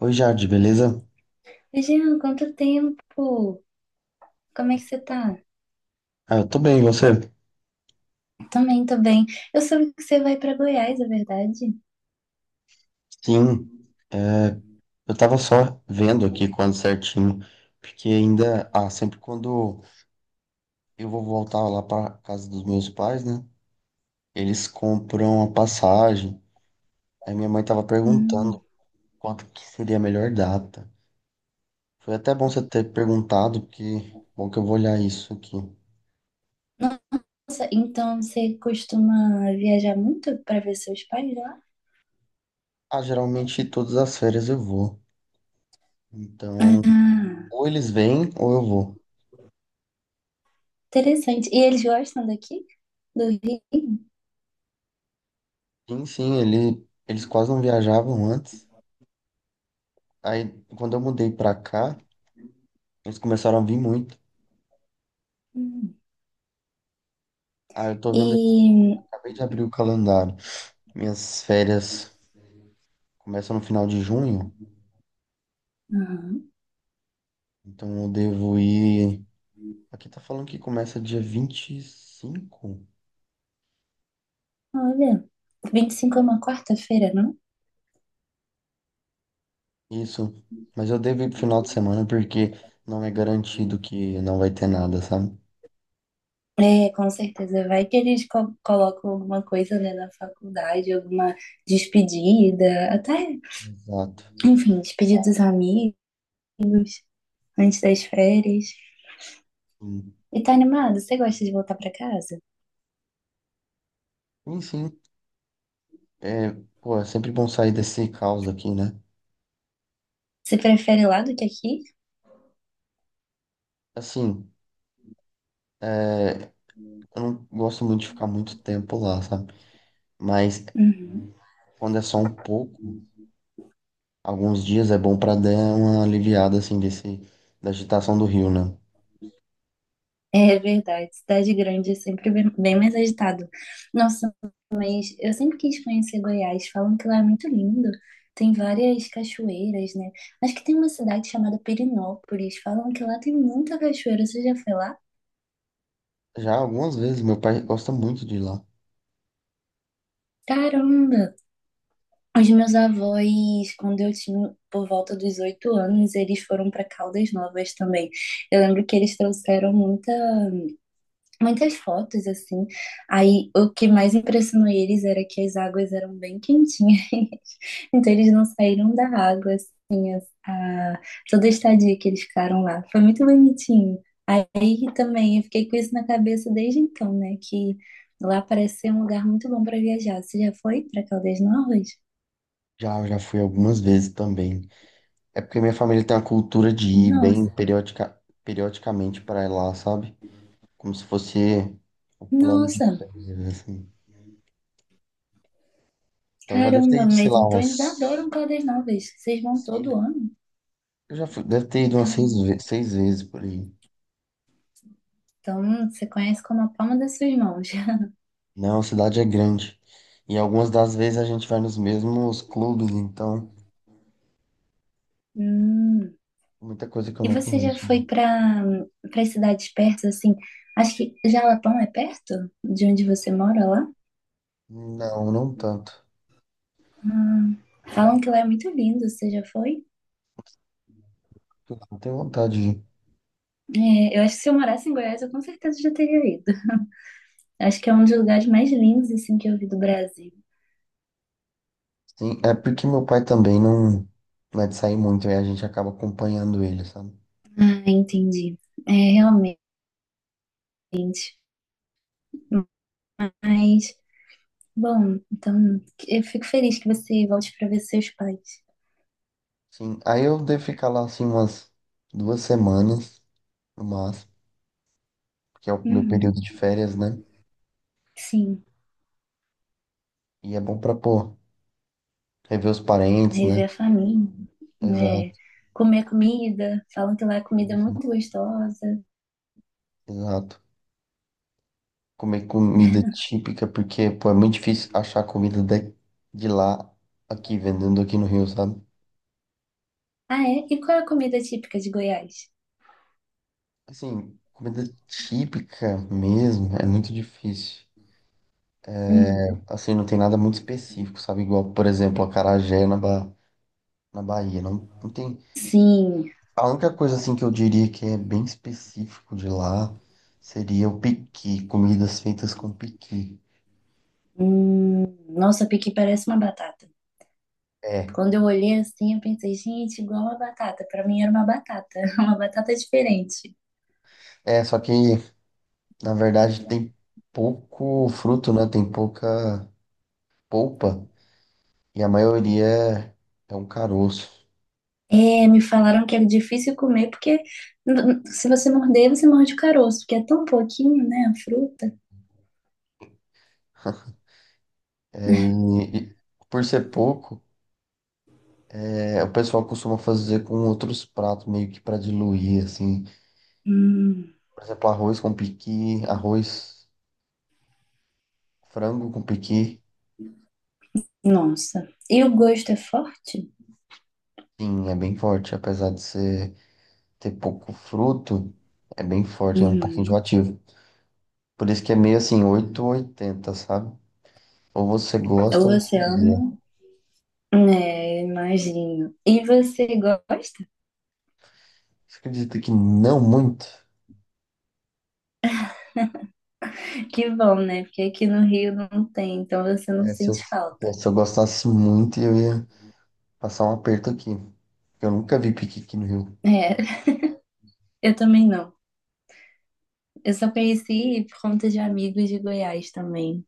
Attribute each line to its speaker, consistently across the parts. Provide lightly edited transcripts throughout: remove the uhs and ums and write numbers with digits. Speaker 1: Oi, Jade, beleza?
Speaker 2: Jean, quanto tempo? Como é que você tá?
Speaker 1: Ah, eu tô bem, e você?
Speaker 2: Também, tô bem. Eu soube que você vai pra Goiás, é verdade?
Speaker 1: Sim, é, eu tava só vendo aqui quando certinho, porque ainda, sempre quando eu vou voltar lá pra casa dos meus pais, né? Eles compram a passagem. Aí minha mãe tava perguntando
Speaker 2: Hum.
Speaker 1: quanto que seria a melhor data. Foi até bom você ter perguntado, porque bom que eu vou olhar isso aqui.
Speaker 2: Nossa, então você costuma viajar muito pra ver seus pais lá?
Speaker 1: Ah, geralmente todas as férias eu vou. Então,
Speaker 2: Ah,
Speaker 1: ou eles vêm ou eu vou.
Speaker 2: interessante. E eles gostam daqui? Do Rio?
Speaker 1: Sim, sim, eles quase não viajavam antes. Aí, quando eu mudei pra cá, eles começaram a vir muito.
Speaker 2: Hum.
Speaker 1: Aí eu tô vendo aqui,
Speaker 2: E,
Speaker 1: acabei de abrir o calendário. Minhas férias começam no final de junho,
Speaker 2: ah,
Speaker 1: então eu devo ir. Aqui tá falando que começa dia 25.
Speaker 2: olha, 25 é uma quarta-feira, não?
Speaker 1: Isso. Mas eu devo ir pro final de semana porque não é garantido que não vai ter nada, sabe?
Speaker 2: É, com certeza. Vai que eles colocam alguma coisa, né, na faculdade, alguma despedida. Até
Speaker 1: Exato.
Speaker 2: enfim, despedir dos amigos, antes das férias.
Speaker 1: Sim,
Speaker 2: E tá animado? Você gosta de voltar pra casa?
Speaker 1: sim, sim. É, pô, é sempre bom sair desse caos aqui, né?
Speaker 2: Você prefere lá do que aqui?
Speaker 1: Assim, é, eu não gosto muito de ficar muito tempo lá, sabe? Mas
Speaker 2: Uhum.
Speaker 1: quando é só um pouco, alguns dias é bom pra dar uma aliviada assim desse da agitação do Rio, né?
Speaker 2: É verdade, cidade grande é sempre bem bem mais agitado. Nossa, mas eu sempre quis conhecer Goiás. Falam que lá é muito lindo. Tem várias cachoeiras, né? Acho que tem uma cidade chamada Perinópolis. Falam que lá tem muita cachoeira. Você já foi lá?
Speaker 1: Já algumas vezes, meu pai gosta muito de ir lá.
Speaker 2: Caramba! Os meus avós, quando eu tinha por volta dos 8 anos, eles foram para Caldas Novas também. Eu lembro que eles trouxeram muitas fotos assim. Aí o que mais impressionou eles era que as águas eram bem quentinhas, então eles não saíram da água assim, toda a estadia que eles ficaram lá. Foi muito bonitinho. Aí também eu fiquei com isso na cabeça desde então, né? Que lá parece ser um lugar muito bom para viajar. Você já foi para Caldas Novas?
Speaker 1: Já, já fui algumas vezes também. É porque minha família tem a cultura de ir bem
Speaker 2: Nossa.
Speaker 1: periodicamente pra lá, sabe? Como se fosse o plano de
Speaker 2: Nossa,
Speaker 1: férias, assim. Então já deve ter
Speaker 2: caramba,
Speaker 1: ido, sei
Speaker 2: mas
Speaker 1: lá,
Speaker 2: então eles
Speaker 1: umas.
Speaker 2: adoram Caldas Novas. Vocês vão todo
Speaker 1: Assim,
Speaker 2: ano?
Speaker 1: eu já fui, deve ter ido umas seis,
Speaker 2: Caramba.
Speaker 1: 6 vezes por aí.
Speaker 2: Então você conhece como a palma das suas mãos.
Speaker 1: Não, a cidade é grande. E algumas das vezes a gente vai nos mesmos clubes, então.
Speaker 2: Hum.
Speaker 1: Muita coisa que eu
Speaker 2: E
Speaker 1: não
Speaker 2: você já
Speaker 1: conheço,
Speaker 2: foi
Speaker 1: não.
Speaker 2: para cidades perto, assim? Acho que Jalapão é perto de onde você mora lá?
Speaker 1: Não, não tanto.
Speaker 2: Hum. Falam que lá é muito lindo. Você já foi?
Speaker 1: Eu não tenho vontade de ir.
Speaker 2: É, eu acho que se eu morasse em Goiás, eu com certeza já teria ido. Acho que é um dos lugares mais lindos, assim, que eu vi do Brasil.
Speaker 1: Sim, é porque meu pai também não é de sair muito, aí a gente acaba acompanhando ele, sabe?
Speaker 2: Ah, entendi. É, realmente. Mas, bom, então eu fico feliz que você volte para ver seus pais.
Speaker 1: Sim, aí eu devo ficar lá assim umas 2 semanas, no máximo, que é o meu período
Speaker 2: Uhum,
Speaker 1: de férias, né?
Speaker 2: sim,
Speaker 1: E é bom pra, pô, rever os parentes, né?
Speaker 2: rever a família, né?
Speaker 1: Exato,
Speaker 2: Comer comida, falam que lá a comida é
Speaker 1: isso,
Speaker 2: muito gostosa.
Speaker 1: exato. Comer comida típica, porque, pô, é muito difícil achar comida de lá, aqui, vendendo aqui no Rio, sabe?
Speaker 2: Ah, é? E qual é a comida típica de Goiás?
Speaker 1: Assim, comida típica mesmo é muito difícil.
Speaker 2: Uhum.
Speaker 1: Assim, não tem nada muito específico, sabe? Igual, por exemplo, acarajé na Bahia. Não, não tem.
Speaker 2: Sim,
Speaker 1: A única coisa, assim, que eu diria que é bem específico de lá seria o piqui, comidas feitas com piqui.
Speaker 2: hum, nossa, piqui parece uma batata.
Speaker 1: É,
Speaker 2: Quando eu olhei assim, eu pensei, gente, igual uma batata. Para mim era uma batata, uma batata diferente.
Speaker 1: é, só que, na verdade, tem pouco fruto, né? Tem pouca polpa e a maioria é um caroço.
Speaker 2: É, me falaram que era difícil comer, porque se você morder, você morde o caroço, porque é tão pouquinho, né, a fruta.
Speaker 1: É, e por ser pouco. É, o pessoal costuma fazer com outros pratos, meio que para diluir, assim.
Speaker 2: Hum,
Speaker 1: Por exemplo, arroz com piqui, arroz, frango com piqui.
Speaker 2: nossa. E o gosto é forte?
Speaker 1: Sim, é bem forte. Apesar de ter pouco fruto, é bem forte, é um pouquinho
Speaker 2: Uhum.
Speaker 1: enjoativo. Por isso que é meio assim, 8 ou 80, sabe? Ou você
Speaker 2: Ou
Speaker 1: gosta ou você
Speaker 2: você
Speaker 1: odeia.
Speaker 2: ama? É, imagino. E você gosta?
Speaker 1: Você acredita que não muito?
Speaker 2: Que bom, né? Porque aqui no Rio não tem, então você não
Speaker 1: É, se eu,
Speaker 2: sente
Speaker 1: pô,
Speaker 2: falta.
Speaker 1: se eu gostasse muito, eu ia passar um aperto aqui. Eu nunca vi piqui aqui no Rio. O
Speaker 2: É, eu também não. Eu só conheci por conta de amigos de Goiás também.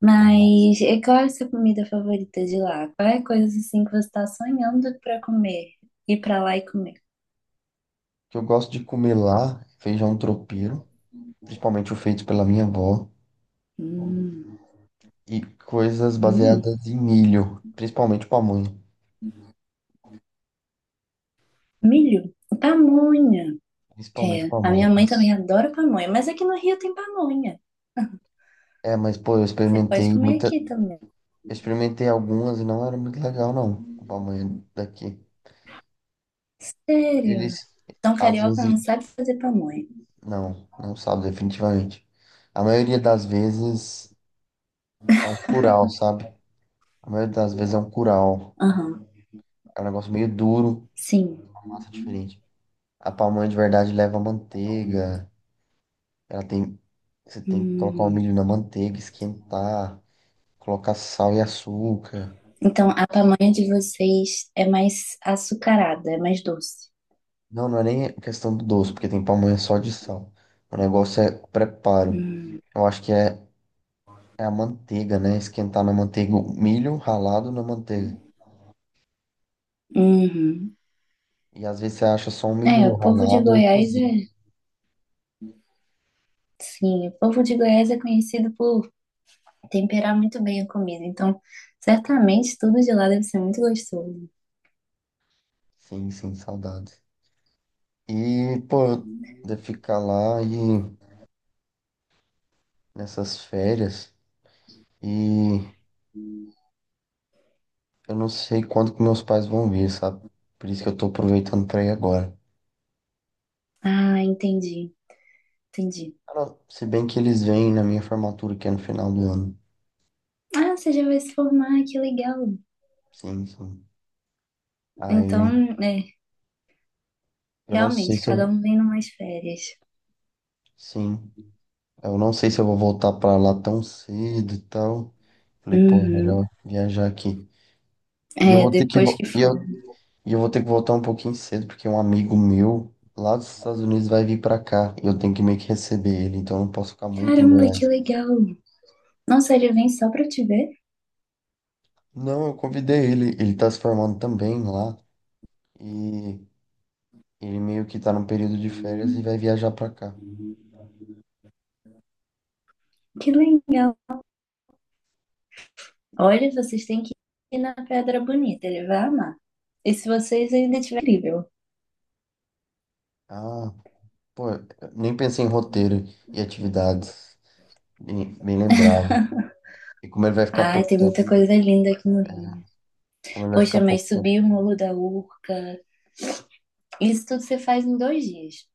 Speaker 2: Mas e qual é a sua comida favorita de lá? Qual é a coisa assim que você está sonhando para comer? Ir para lá e comer?
Speaker 1: que eu gosto de comer lá, é feijão tropeiro. Principalmente o feito pela minha avó,
Speaker 2: Hum,
Speaker 1: e coisas
Speaker 2: hum,
Speaker 1: baseadas em milho, principalmente pamonha.
Speaker 2: milho, pamonha.
Speaker 1: Principalmente
Speaker 2: É, a minha
Speaker 1: pamonha,
Speaker 2: mãe também
Speaker 1: isso.
Speaker 2: adora pamonha, mas aqui no Rio tem pamonha.
Speaker 1: É, mas pô,
Speaker 2: Você pode comer aqui também.
Speaker 1: eu experimentei algumas e não era muito legal, não, a pamonha daqui. Eles,
Speaker 2: Sério? Então
Speaker 1: às
Speaker 2: carioca
Speaker 1: vezes,
Speaker 2: não sabe fazer pamonha.
Speaker 1: não sabe definitivamente. A maioria das vezes é um curau, sabe? A maioria das vezes é um curau.
Speaker 2: Aham,
Speaker 1: É um negócio meio duro,
Speaker 2: sim.
Speaker 1: massa diferente. A pamonha de verdade leva manteiga, Ela tem, você tem que colocar o
Speaker 2: Hum.
Speaker 1: milho na manteiga, esquentar, colocar sal e açúcar.
Speaker 2: Então a pamonha de vocês é mais açucarada, é mais doce.
Speaker 1: Não, não é nem questão do doce, porque tem pamonha só de sal. O negócio é o preparo.
Speaker 2: Hum.
Speaker 1: Eu acho que é a manteiga, né? Esquentar na manteiga, o milho ralado na manteiga.
Speaker 2: Uhum.
Speaker 1: E às vezes você acha só um
Speaker 2: É,
Speaker 1: milho
Speaker 2: o povo de
Speaker 1: ralado ou
Speaker 2: Goiás
Speaker 1: cozido.
Speaker 2: é, sim, o povo de Goiás é conhecido por temperar muito bem a comida, então certamente tudo de lá deve ser muito gostoso.
Speaker 1: Sim, sim, saudade. E, pô, de ficar lá e nessas férias e eu não sei quando que meus pais vão vir, sabe? Por isso que eu tô aproveitando pra ir agora.
Speaker 2: Ah, entendi, entendi.
Speaker 1: Cara, se bem que eles vêm na minha formatura, que é no final do ano.
Speaker 2: Ah, você já vai se formar, que legal.
Speaker 1: Sim, sim.
Speaker 2: Então,
Speaker 1: Aí
Speaker 2: é,
Speaker 1: eu não sei
Speaker 2: realmente,
Speaker 1: se
Speaker 2: cada
Speaker 1: eu.
Speaker 2: um vem numas férias.
Speaker 1: Sim. Eu não sei se eu vou voltar pra lá tão cedo e tal. Falei, pô, é
Speaker 2: Uhum.
Speaker 1: melhor viajar aqui. E
Speaker 2: É,
Speaker 1: eu vou ter que.
Speaker 2: depois
Speaker 1: vo-
Speaker 2: que
Speaker 1: E
Speaker 2: for.
Speaker 1: eu, e eu vou ter que voltar um pouquinho cedo, porque um amigo meu lá dos Estados Unidos vai vir pra cá. E eu tenho que meio que receber ele, então eu não posso ficar muito em
Speaker 2: Caramba, que
Speaker 1: Goiás.
Speaker 2: legal. Nossa, ele vem só pra te ver?
Speaker 1: Não, eu convidei ele. Ele tá se formando também lá. E ele meio que tá num período de férias e
Speaker 2: Hum,
Speaker 1: vai viajar pra cá.
Speaker 2: Que legal. Olha, vocês têm que ir na Pedra Bonita, ele vai amar. E se vocês ainda tiverem livre,
Speaker 1: Ah, pô, eu nem pensei em roteiro e atividades. Bem, bem lembrado. E como ele vai ficar
Speaker 2: ai,
Speaker 1: pouco
Speaker 2: tem
Speaker 1: tempo.
Speaker 2: muita coisa linda aqui no Rio.
Speaker 1: Como ele vai
Speaker 2: Poxa,
Speaker 1: ficar pouco
Speaker 2: mas
Speaker 1: tempo.
Speaker 2: subir o Morro da Urca, isso tudo você faz em 2 dias.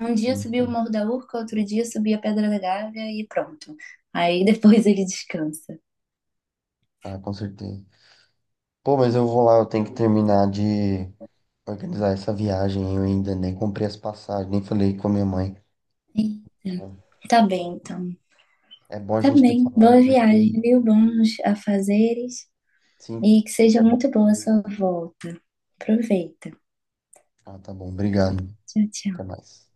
Speaker 2: Um dia subir o
Speaker 1: Enfim.
Speaker 2: Morro da Urca, outro dia subir a Pedra da Gávea e pronto. Aí depois ele descansa.
Speaker 1: Ah, com certeza. Pô, mas eu vou lá, eu tenho que terminar de organizar essa viagem. Eu ainda nem comprei as passagens, nem falei com a minha mãe.
Speaker 2: E tá bem, então.
Speaker 1: É bom a
Speaker 2: Tá
Speaker 1: gente ter
Speaker 2: bem.
Speaker 1: falado,
Speaker 2: Boa viagem,
Speaker 1: porque
Speaker 2: viu? Bons afazeres
Speaker 1: sim,
Speaker 2: e que seja
Speaker 1: é bom.
Speaker 2: muito boa a sua volta. Aproveita.
Speaker 1: Ah, tá bom. Obrigado.
Speaker 2: Tchau, tchau.
Speaker 1: Até mais.